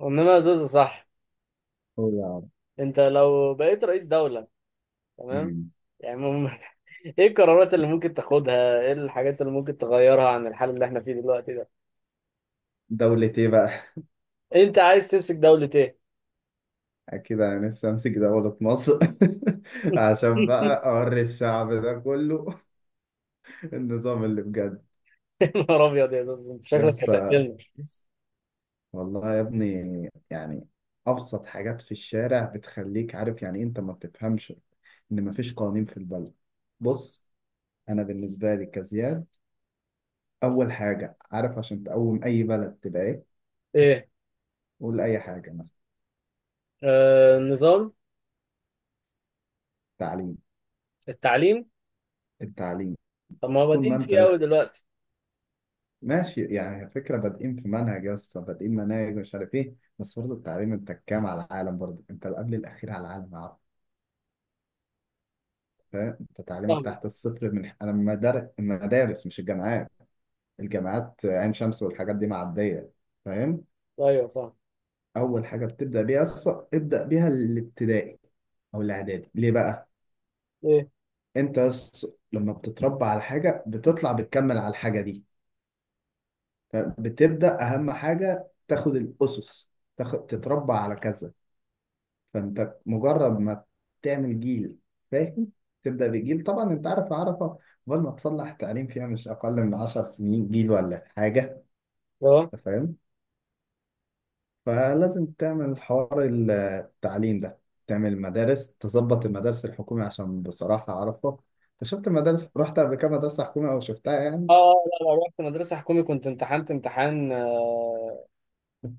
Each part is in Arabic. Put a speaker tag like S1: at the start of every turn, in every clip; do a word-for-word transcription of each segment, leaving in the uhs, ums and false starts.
S1: وانما زوزو، صح؟
S2: هو يا عم.
S1: انت لو بقيت رئيس دولة، تمام؟
S2: مم.
S1: يعني مم... ايه القرارات اللي ممكن تاخدها؟ ايه الحاجات اللي ممكن تغيرها عن الحال اللي احنا فيه دلوقتي ده؟
S2: دولة ايه بقى؟
S1: انت عايز تمسك دولة ايه؟
S2: أكيد أنا لسه أمسك دولة مصر. عشان بقى أوري الشعب ده كله النظام اللي بجد.
S1: يا نهار ابيض، يا زوزو، انت شكلك
S2: يس.
S1: هتقتلنا.
S2: والله يا ابني يعني أبسط حاجات في الشارع بتخليك عارف يعني إيه أنت ما بتفهمش إن مفيش قوانين في البلد. بص، أنا بالنسبة لي كزياد، أول حاجة عارف عشان تقوم أي بلد تبقى إيه؟
S1: ايه؟
S2: قول أي حاجة مثلا.
S1: آه... نظام.
S2: تعليم.
S1: التعليم.
S2: التعليم.
S1: طب ما هو
S2: طول ما
S1: بادئين
S2: أنت
S1: فيه
S2: يا
S1: قوي
S2: اسطى
S1: دلوقتي.
S2: ماشي يعني فكرة بادئين في منهج يا اسطى، بادئين مناهج مش عارف ايه، بس برضه التعليم انت كام على العالم؟ برضه انت قبل الأخير على العالم يا عبد. فاهم؟ انت تعليمك
S1: فاهم.
S2: تحت الصفر من انا مدار- المدارس مش الجامعات. الجامعات عين شمس والحاجات دي معدية. فاهم.
S1: ايوه، فاهم.
S2: أول حاجة بتبدأ بيها يا اسطى، ابدأ بيها الابتدائي أو الإعدادي. ليه بقى؟
S1: ايه؟
S2: انت يا اسطى لما بتتربى على حاجة بتطلع بتكمل على الحاجة دي. فبتبدأ أهم حاجة تاخد الأسس، تاخد تتربى على كذا. فانت مجرد ما تعمل جيل، فاهم، تبدا بجيل. طبعا انت عارف عرفه، قبل ما تصلح تعليم فيها مش اقل من عشر سنين جيل ولا حاجه.
S1: اه.
S2: انت فاهم. فلازم تعمل حوار التعليم ده، تعمل مدارس، تظبط المدارس الحكومي، عشان بصراحه عرفه. انت شفت المدارس؟ رحت قبل كده مدرسه حكومي او شفتها يعني؟
S1: اه. لا، لا، رحت مدرسة حكومي، كنت امتحنت امتحان، آه،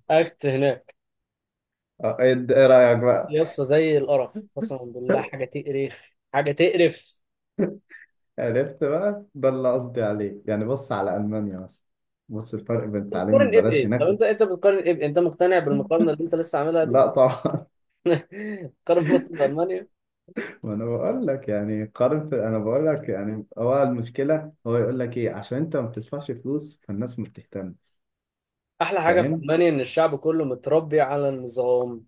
S1: اكت هناك.
S2: اه، ايه ايه رايك بقى؟
S1: يا اسطى، زي القرف، قسما بالله، حاجه تقرف، حاجه تقرف.
S2: عرفت بقى؟ ده اللي قصدي عليه. يعني بص على المانيا مثلا، بص الفرق بين
S1: أنت
S2: التعليم
S1: بتقارن ايه
S2: ببلاش
S1: بايه؟ طب
S2: هناك.
S1: انت انت بتقارن ايه بايه؟ انت مقتنع بالمقارنه اللي انت لسه عاملها دي؟
S2: لا طبعا.
S1: قارن مصر بالمانيا.
S2: ما انا بقول لك يعني قارن في، انا بقول لك يعني هو المشكله، هو يقول لك ايه عشان انت ما بتدفعش فلوس فالناس ما بتهتم.
S1: احلى حاجه في
S2: فاهم؟
S1: المانيا ان الشعب كله متربي على النظام.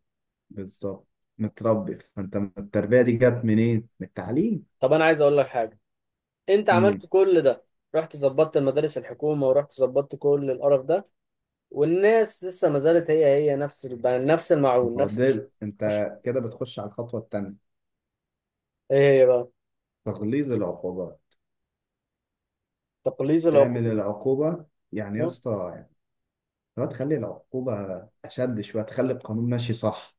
S2: بالظبط. متربي، فانت التربيه دي جت منين؟ من التعليم.
S1: طب انا عايز اقول لك حاجه. انت عملت
S2: امم
S1: كل ده، رحت ظبطت المدارس الحكومه، ورحت ظبطت كل القرف ده، والناس لسه ما زالت هي هي، نفس الب- نفس المعون.
S2: هو
S1: نفس الش-
S2: ده، انت كده بتخش على الخطوه الثانيه:
S1: ايه هي بقى؟
S2: تغليظ العقوبه.
S1: تقليص
S2: تعمل
S1: العقوبات.
S2: العقوبه يعني يا اسطى، يعني لو تخلي العقوبه اشد شويه تخلي القانون ماشي صح.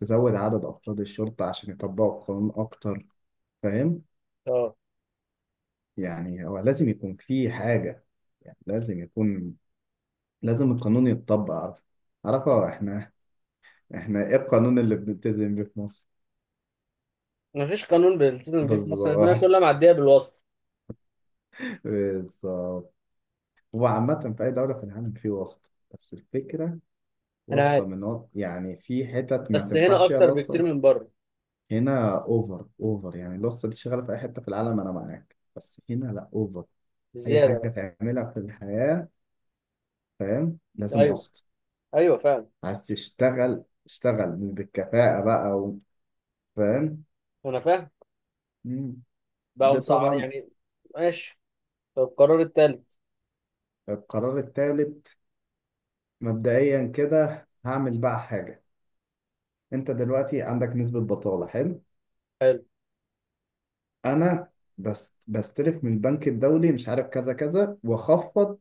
S2: تزود عدد افراد الشرطه عشان يطبقوا القانون اكتر. فاهم؟
S1: اه.
S2: يعني هو لازم يكون في حاجة، يعني لازم يكون، لازم القانون يتطبق. عارف؟ عارفة احنا؟ احنا ايه القانون اللي بنلتزم بيه في مصر؟
S1: مفيش قانون بيلتزم بيه في مصر، الدنيا
S2: بالظبط.
S1: كلها معديه بالواسطه.
S2: بالظبط. هو عامة في أي دولة في العالم في واسطة، بس الفكرة
S1: انا
S2: واسطة
S1: عارف.
S2: من وط... يعني في حتت ما
S1: بس هنا
S2: تنفعش فيها
S1: اكتر بكتير
S2: الواسطة.
S1: من بره.
S2: هنا اوفر اوفر. يعني الواسطة دي شغالة في أي حتة في العالم، أنا معاك، بس هنا لا، اوفر. أي
S1: بزياده.
S2: حاجة تعملها في الحياة، فاهم،
S1: بقى.
S2: لازم
S1: ايوه.
S2: واسطة.
S1: ايوه، فعلا.
S2: عايز تشتغل اشتغل مش بالكفاءة بقى و- فاهم.
S1: انا فاهم.
S2: مم.
S1: بقوا
S2: ده
S1: مسعر
S2: طبعا.
S1: يعني. ماشي. طب القرار التالت؟
S2: القرار الثالث، مبدئيا كده هعمل بقى حاجة. انت دلوقتي عندك نسبة بطالة، حلو؟
S1: حلو.
S2: انا بس بستلف من البنك الدولي مش عارف كذا كذا، واخفض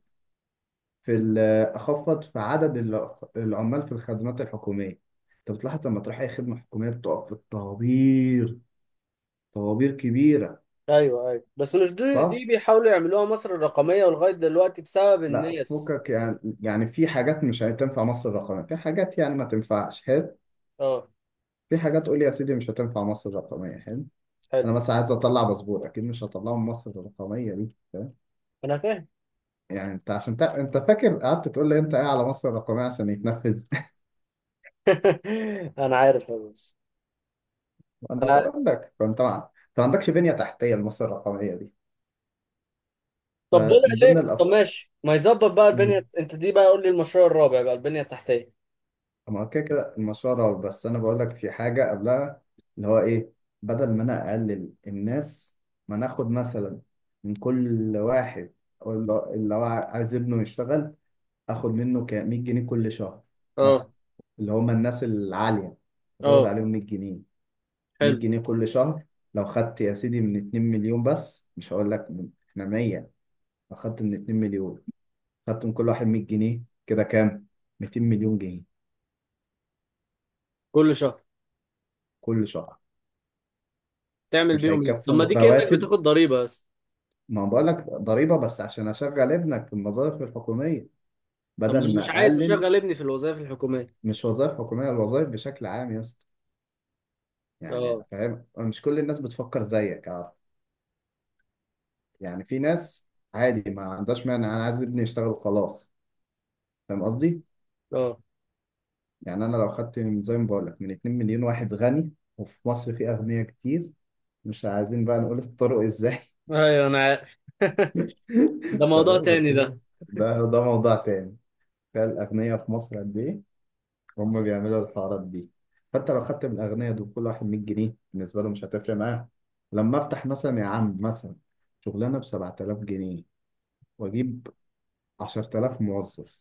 S2: في ال- اخفض في عدد الع- العمال في الخدمات الحكومية. انت بتلاحظ لما تروح اي خدمة حكومية بتقف في الطوابير، طوابير كبيرة.
S1: ايوه، ايوه، بس مش دي
S2: صح؟
S1: دي بيحاولوا يعملوها مصر الرقميه، ولغايه دلوقتي بسبب
S2: لا
S1: الناس.
S2: فوقك يعني، يعني في حاجات مش هتنفع مصر الرقمية، في حاجات يعني ما تنفعش، حلو؟
S1: اه.
S2: في حاجات قول لي يا سيدي مش هتنفع مصر الرقمية، حلو؟
S1: حلو.
S2: انا مثلا عايز اطلع باسبور، اكيد مش هطلعه من مصر الرقمية دي. فاهم؟
S1: انا فاهم.
S2: يعني انت عشان تق... انت فاكر قعدت تقول لي انت ايه على مصر الرقمية عشان يتنفذ.
S1: انا عارف يا باشا.
S2: انا
S1: انا عارف.
S2: بقول لك فانت ما، انت ما عندكش بنية تحتية لمصر الرقمية دي.
S1: طب بدأ
S2: فمن ضمن
S1: ليه؟ طب
S2: الافكار،
S1: ماشي، ما يظبط بقى البنيه انت دي بقى، قول لي المشروع الرابع بقى، البنيه التحتيه.
S2: ما كده كده المشروع رعب، بس انا بقول لك في حاجه قبلها، اللي هو ايه: بدل ما انا اقلل الناس، ما ناخد مثلا من كل واحد ولا- اللي اللي هو عايز ابنه يشتغل اخد منه ك مية جنيه كل شهر، مثلا.
S1: اه.
S2: اللي هم الناس العاليه، ازود
S1: اه.
S2: عليهم مية جنيه. 100
S1: حلو.
S2: جنيه كل شهر. لو خدت يا سيدي من اتنين مليون، بس مش هقول لك من- احنا مية. لو خدت من اتنين مليون، خدت من كل واحد مية جنيه، كده كام؟ ميتين مليون جنيه
S1: كل شهر.
S2: كل شهر.
S1: تعمل
S2: مش
S1: بيهم ايه؟ طب ما
S2: هيكفوا
S1: دي كأنك
S2: رواتب.
S1: بتاخد ضريبة بس.
S2: ما بقول لك ضريبة بس عشان أشغل ابنك في الوظائف الحكومية،
S1: طب ما
S2: بدل
S1: انا مش
S2: ما
S1: عايز
S2: أقلل.
S1: اشغل ابني في الوظائف الحكومية.
S2: مش وظائف حكومية، الوظائف بشكل عام يا اسطى. يعني
S1: اه.
S2: فاهم؟ مش كل الناس بتفكر زيك، عارف؟ يعني في ناس عادي ما عندهاش مانع، أنا عايز ابني يشتغل وخلاص. فاهم قصدي؟
S1: اه.
S2: يعني أنا لو خدت من- زي ما بقول لك من اتنين مليون واحد غني، وفي مصر في أغنياء كتير، مش عايزين بقى نقول الطرق إزاي.
S1: ايوه، انا عارف. ده موضوع
S2: تمام، بس
S1: تاني ده.
S2: ده ده موضوع تاني. تخيل الأغنياء في مصر قد إيه، هم بيعملوا الحوارات دي. حتى لو خدت من الأغنياء دول كل واحد مية جنيه، بالنسبة له مش هتفرق معاه. لما أفتح مثلا يا عم، مثلا شغلانة ب سبعة آلاف جنيه، وأجيب عشرة آلاف موظف،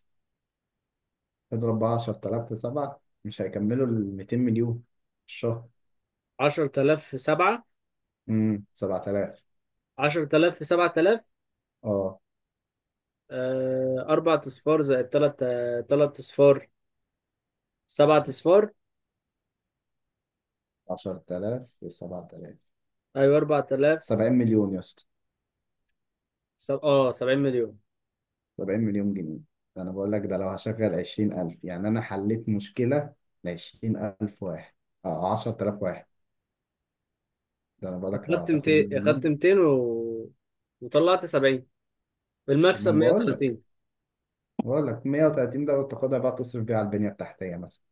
S2: اضرب بقى عشرة آلاف في سبعة، مش هيكملوا ال ميتين مليون في الشهر.
S1: عشرة آلاف في سبعة.
S2: امم سبعة آلاف.
S1: عشرة آلاف في سبعة آلاف؟
S2: اه.
S1: آه، أربع أصفار زائد تلات، آه، تلات أصفار. سبعة أصفار.
S2: عشرة آلاف في سبعة آلاف،
S1: أيوة، أربعة آلاف.
S2: سبعين مليون يا اسطى.
S1: سب... اه سبعين مليون.
S2: سبعين مليون جنيه. ده أنا بقول لك، ده لو هشغل عشرين ألف يعني أنا حليت مشكلة ل عشرين ألف واحد أو عشرة آلاف واحد. ده انا بقول لك لو
S1: أخدت
S2: هتاخد 100
S1: 200
S2: جنيه
S1: أخدت مئتين و... وطلعت سبعين، بالمكسب
S2: اما بقول لك
S1: مئة وثلاثين.
S2: بقول لك مية وتلاتين، ده وتاخدها بقى تصرف بيها على البنيه التحتيه مثلا.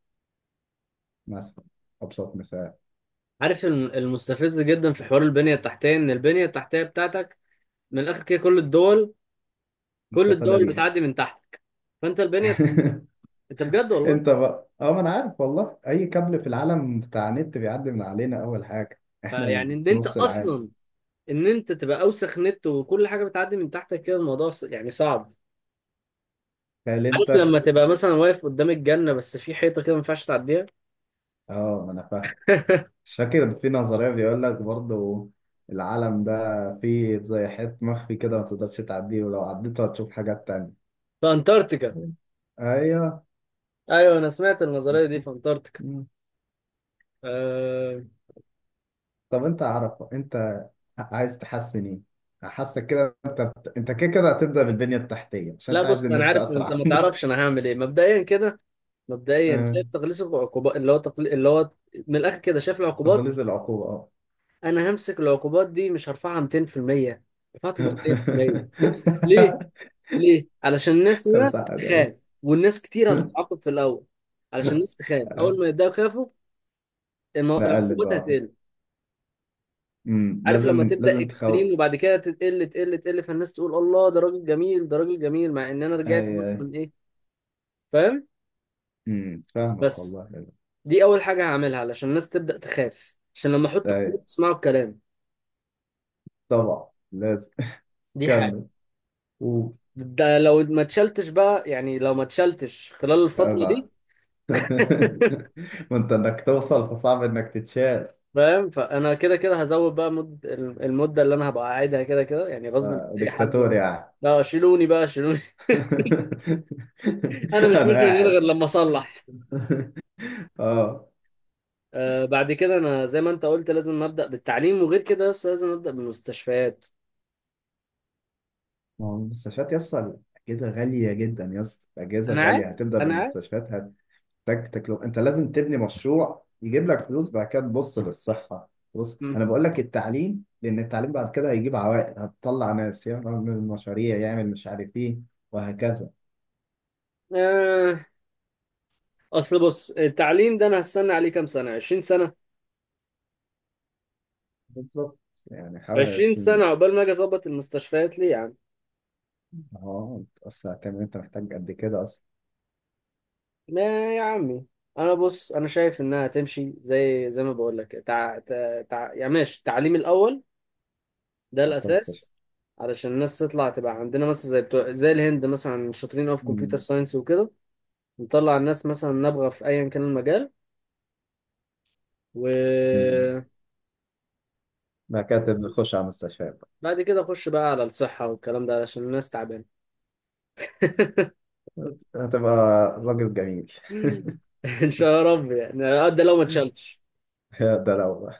S2: مثلا ابسط مثال.
S1: عارف الم- المستفز جدا في حوار البنية التحتية إن البنية التحتية بتاعتك من الآخر كده، كل الدول، كل
S2: مستفاده
S1: الدول
S2: بيها.
S1: بتعدي من تحتك. فانت البنيه. انت بجد والله.
S2: انت بقى، اه ما انا عارف والله، اي كابل في العالم بتاع نت بيعدي من علينا. اول حاجه احنا
S1: فيعني
S2: اللي
S1: ان
S2: في
S1: انت
S2: نص العالم.
S1: اصلا، ان انت تبقى اوسخ نت، وكل حاجه بتعدي من تحتك كده، الموضوع ص- يعني صعب.
S2: تخيل
S1: عارف،
S2: انت.
S1: لما تبقى مثلا واقف قدام الجنه، بس في حيطه كده ما ينفعش تعديها.
S2: اه ما انا فاهم. مش فاكر في نظريه بيقول لك برضه العالم ده فيه زي حيط مخفي كده ما تقدرش تعديه، ولو عديته هتشوف حاجات تانية.
S1: في انتاركتيكا.
S2: ايوه،
S1: ايوه، انا سمعت النظريه دي في
S2: بالظبط.
S1: انتاركتيكا. أه...
S2: طب انت عارف انت عايز تحسن ايه؟ حاسك كده انت بت- انت كده كده هتبدأ بالبنية التحتية عشان
S1: لا،
S2: انت عايز
S1: بص، انا
S2: النت
S1: عارف إن انت
S2: اسرع.
S1: ما تعرفش انا هعمل ايه مبدئيا كده. مبدئيا
S2: اه،
S1: شايف تقليص العقوبات، اللي هو تقل... اللي هو، من الاخر كده، شايف العقوبات.
S2: تخليص العقوبة، اه.
S1: انا همسك العقوبات دي، مش هرفعها مائتين في المية، رفعها ثلاثمئة في المية. ليه؟ ليه؟ علشان الناس
S2: طب
S1: هنا
S2: تعالى
S1: تخاف، والناس كتير
S2: يعني.
S1: هتتعاقب في الأول. علشان الناس تخاف، أول
S2: اه،
S1: ما يبدأوا يخافوا المو-
S2: نقلب
S1: العقوبات
S2: بقى واحد.
S1: هتقل.
S2: امم،
S1: عارف، لما
S2: لازم،
S1: تبدأ
S2: لازم
S1: اكستريم
S2: تخوف.
S1: وبعد كده تقل، تقل، تقل، فالناس تقول الله، ده راجل جميل، ده راجل جميل، مع إن أنا
S2: اي،
S1: رجعت
S2: اي.
S1: مثلا إيه. فاهم؟
S2: امم، فاهمك
S1: بس
S2: والله.
S1: دي أول حاجة هعملها علشان الناس تبدأ تخاف، عشان لما أحط
S2: اي،
S1: قيود تسمعوا الكلام.
S2: طبعا لازم.
S1: دي حاجة.
S2: كمل. و.
S1: ده لو ما اتشلتش بقى، يعني لو ما اتشلتش خلال الفترة دي.
S2: ما انت انك توصل فصعب انك تتشال.
S1: فاهم، فانا كده كده هزود بقى مد... المده اللي انا هبقى قاعدها كده كده، يعني غصب عن
S2: اه،
S1: اي
S2: دكتاتور
S1: حد.
S2: يعني.
S1: لا، شيلوني بقى، شيلوني. انا مش
S2: انا
S1: مش من هنا غير
S2: قاعد.
S1: لما اصلح.
S2: اه،
S1: آه، بعد كده انا زي ما انت قلت لازم ابدا بالتعليم، وغير كده بس لازم ابدا بالمستشفيات.
S2: ما هو المستشفيات يا اسطى، الاجهزه غاليه جدا يا اسطى، الاجهزه
S1: انا
S2: غاليه.
S1: عارف.
S2: هتبدا
S1: انا عارف.
S2: بالمستشفيات، هتحتاج تكلفه. انت لازم تبني مشروع يجيب لك فلوس، بعد كده تبص للصحه. بص
S1: مم.
S2: انا بقول لك التعليم، لان التعليم بعد كده هيجيب عوائد، هتطلع ناس يعمل مشاريع، يعمل مش عارف ايه، وهكذا.
S1: آه. اصل، بص، التعليم ده انا هستنى عليه كام سنه؟ عشرين سنه.
S2: بالظبط. يعني حوالي
S1: عشرين سنه
S2: عشرين.
S1: عقبال ما اجي اظبط المستشفيات، ليه يا عم؟
S2: اه اصل هتعمل إيه؟ انت محتاج قد كده اصلا.
S1: ما يا عمي، انا، بص، انا شايف انها تمشي زي زي ما بقول لك تع... تع... تع... يعني ماشي، التعليم الاول، ده
S2: في المستشفى.
S1: الاساس. علشان الناس تطلع تبقى عندنا مثلا زي بتوع، زي الهند مثلا شاطرين قوي في كمبيوتر
S2: مم.
S1: ساينس وكده. نطلع الناس مثلا نابغه في ايا كان المجال.
S2: مم.
S1: وبعد
S2: مكاتب، نخش على المستشفيات.
S1: كده اخش بقى على الصحه والكلام ده علشان الناس تعبانه.
S2: هتبقى راجل جميل.
S1: ان شاء رب يعني. ده لو ما اتشالتش.
S2: ده لو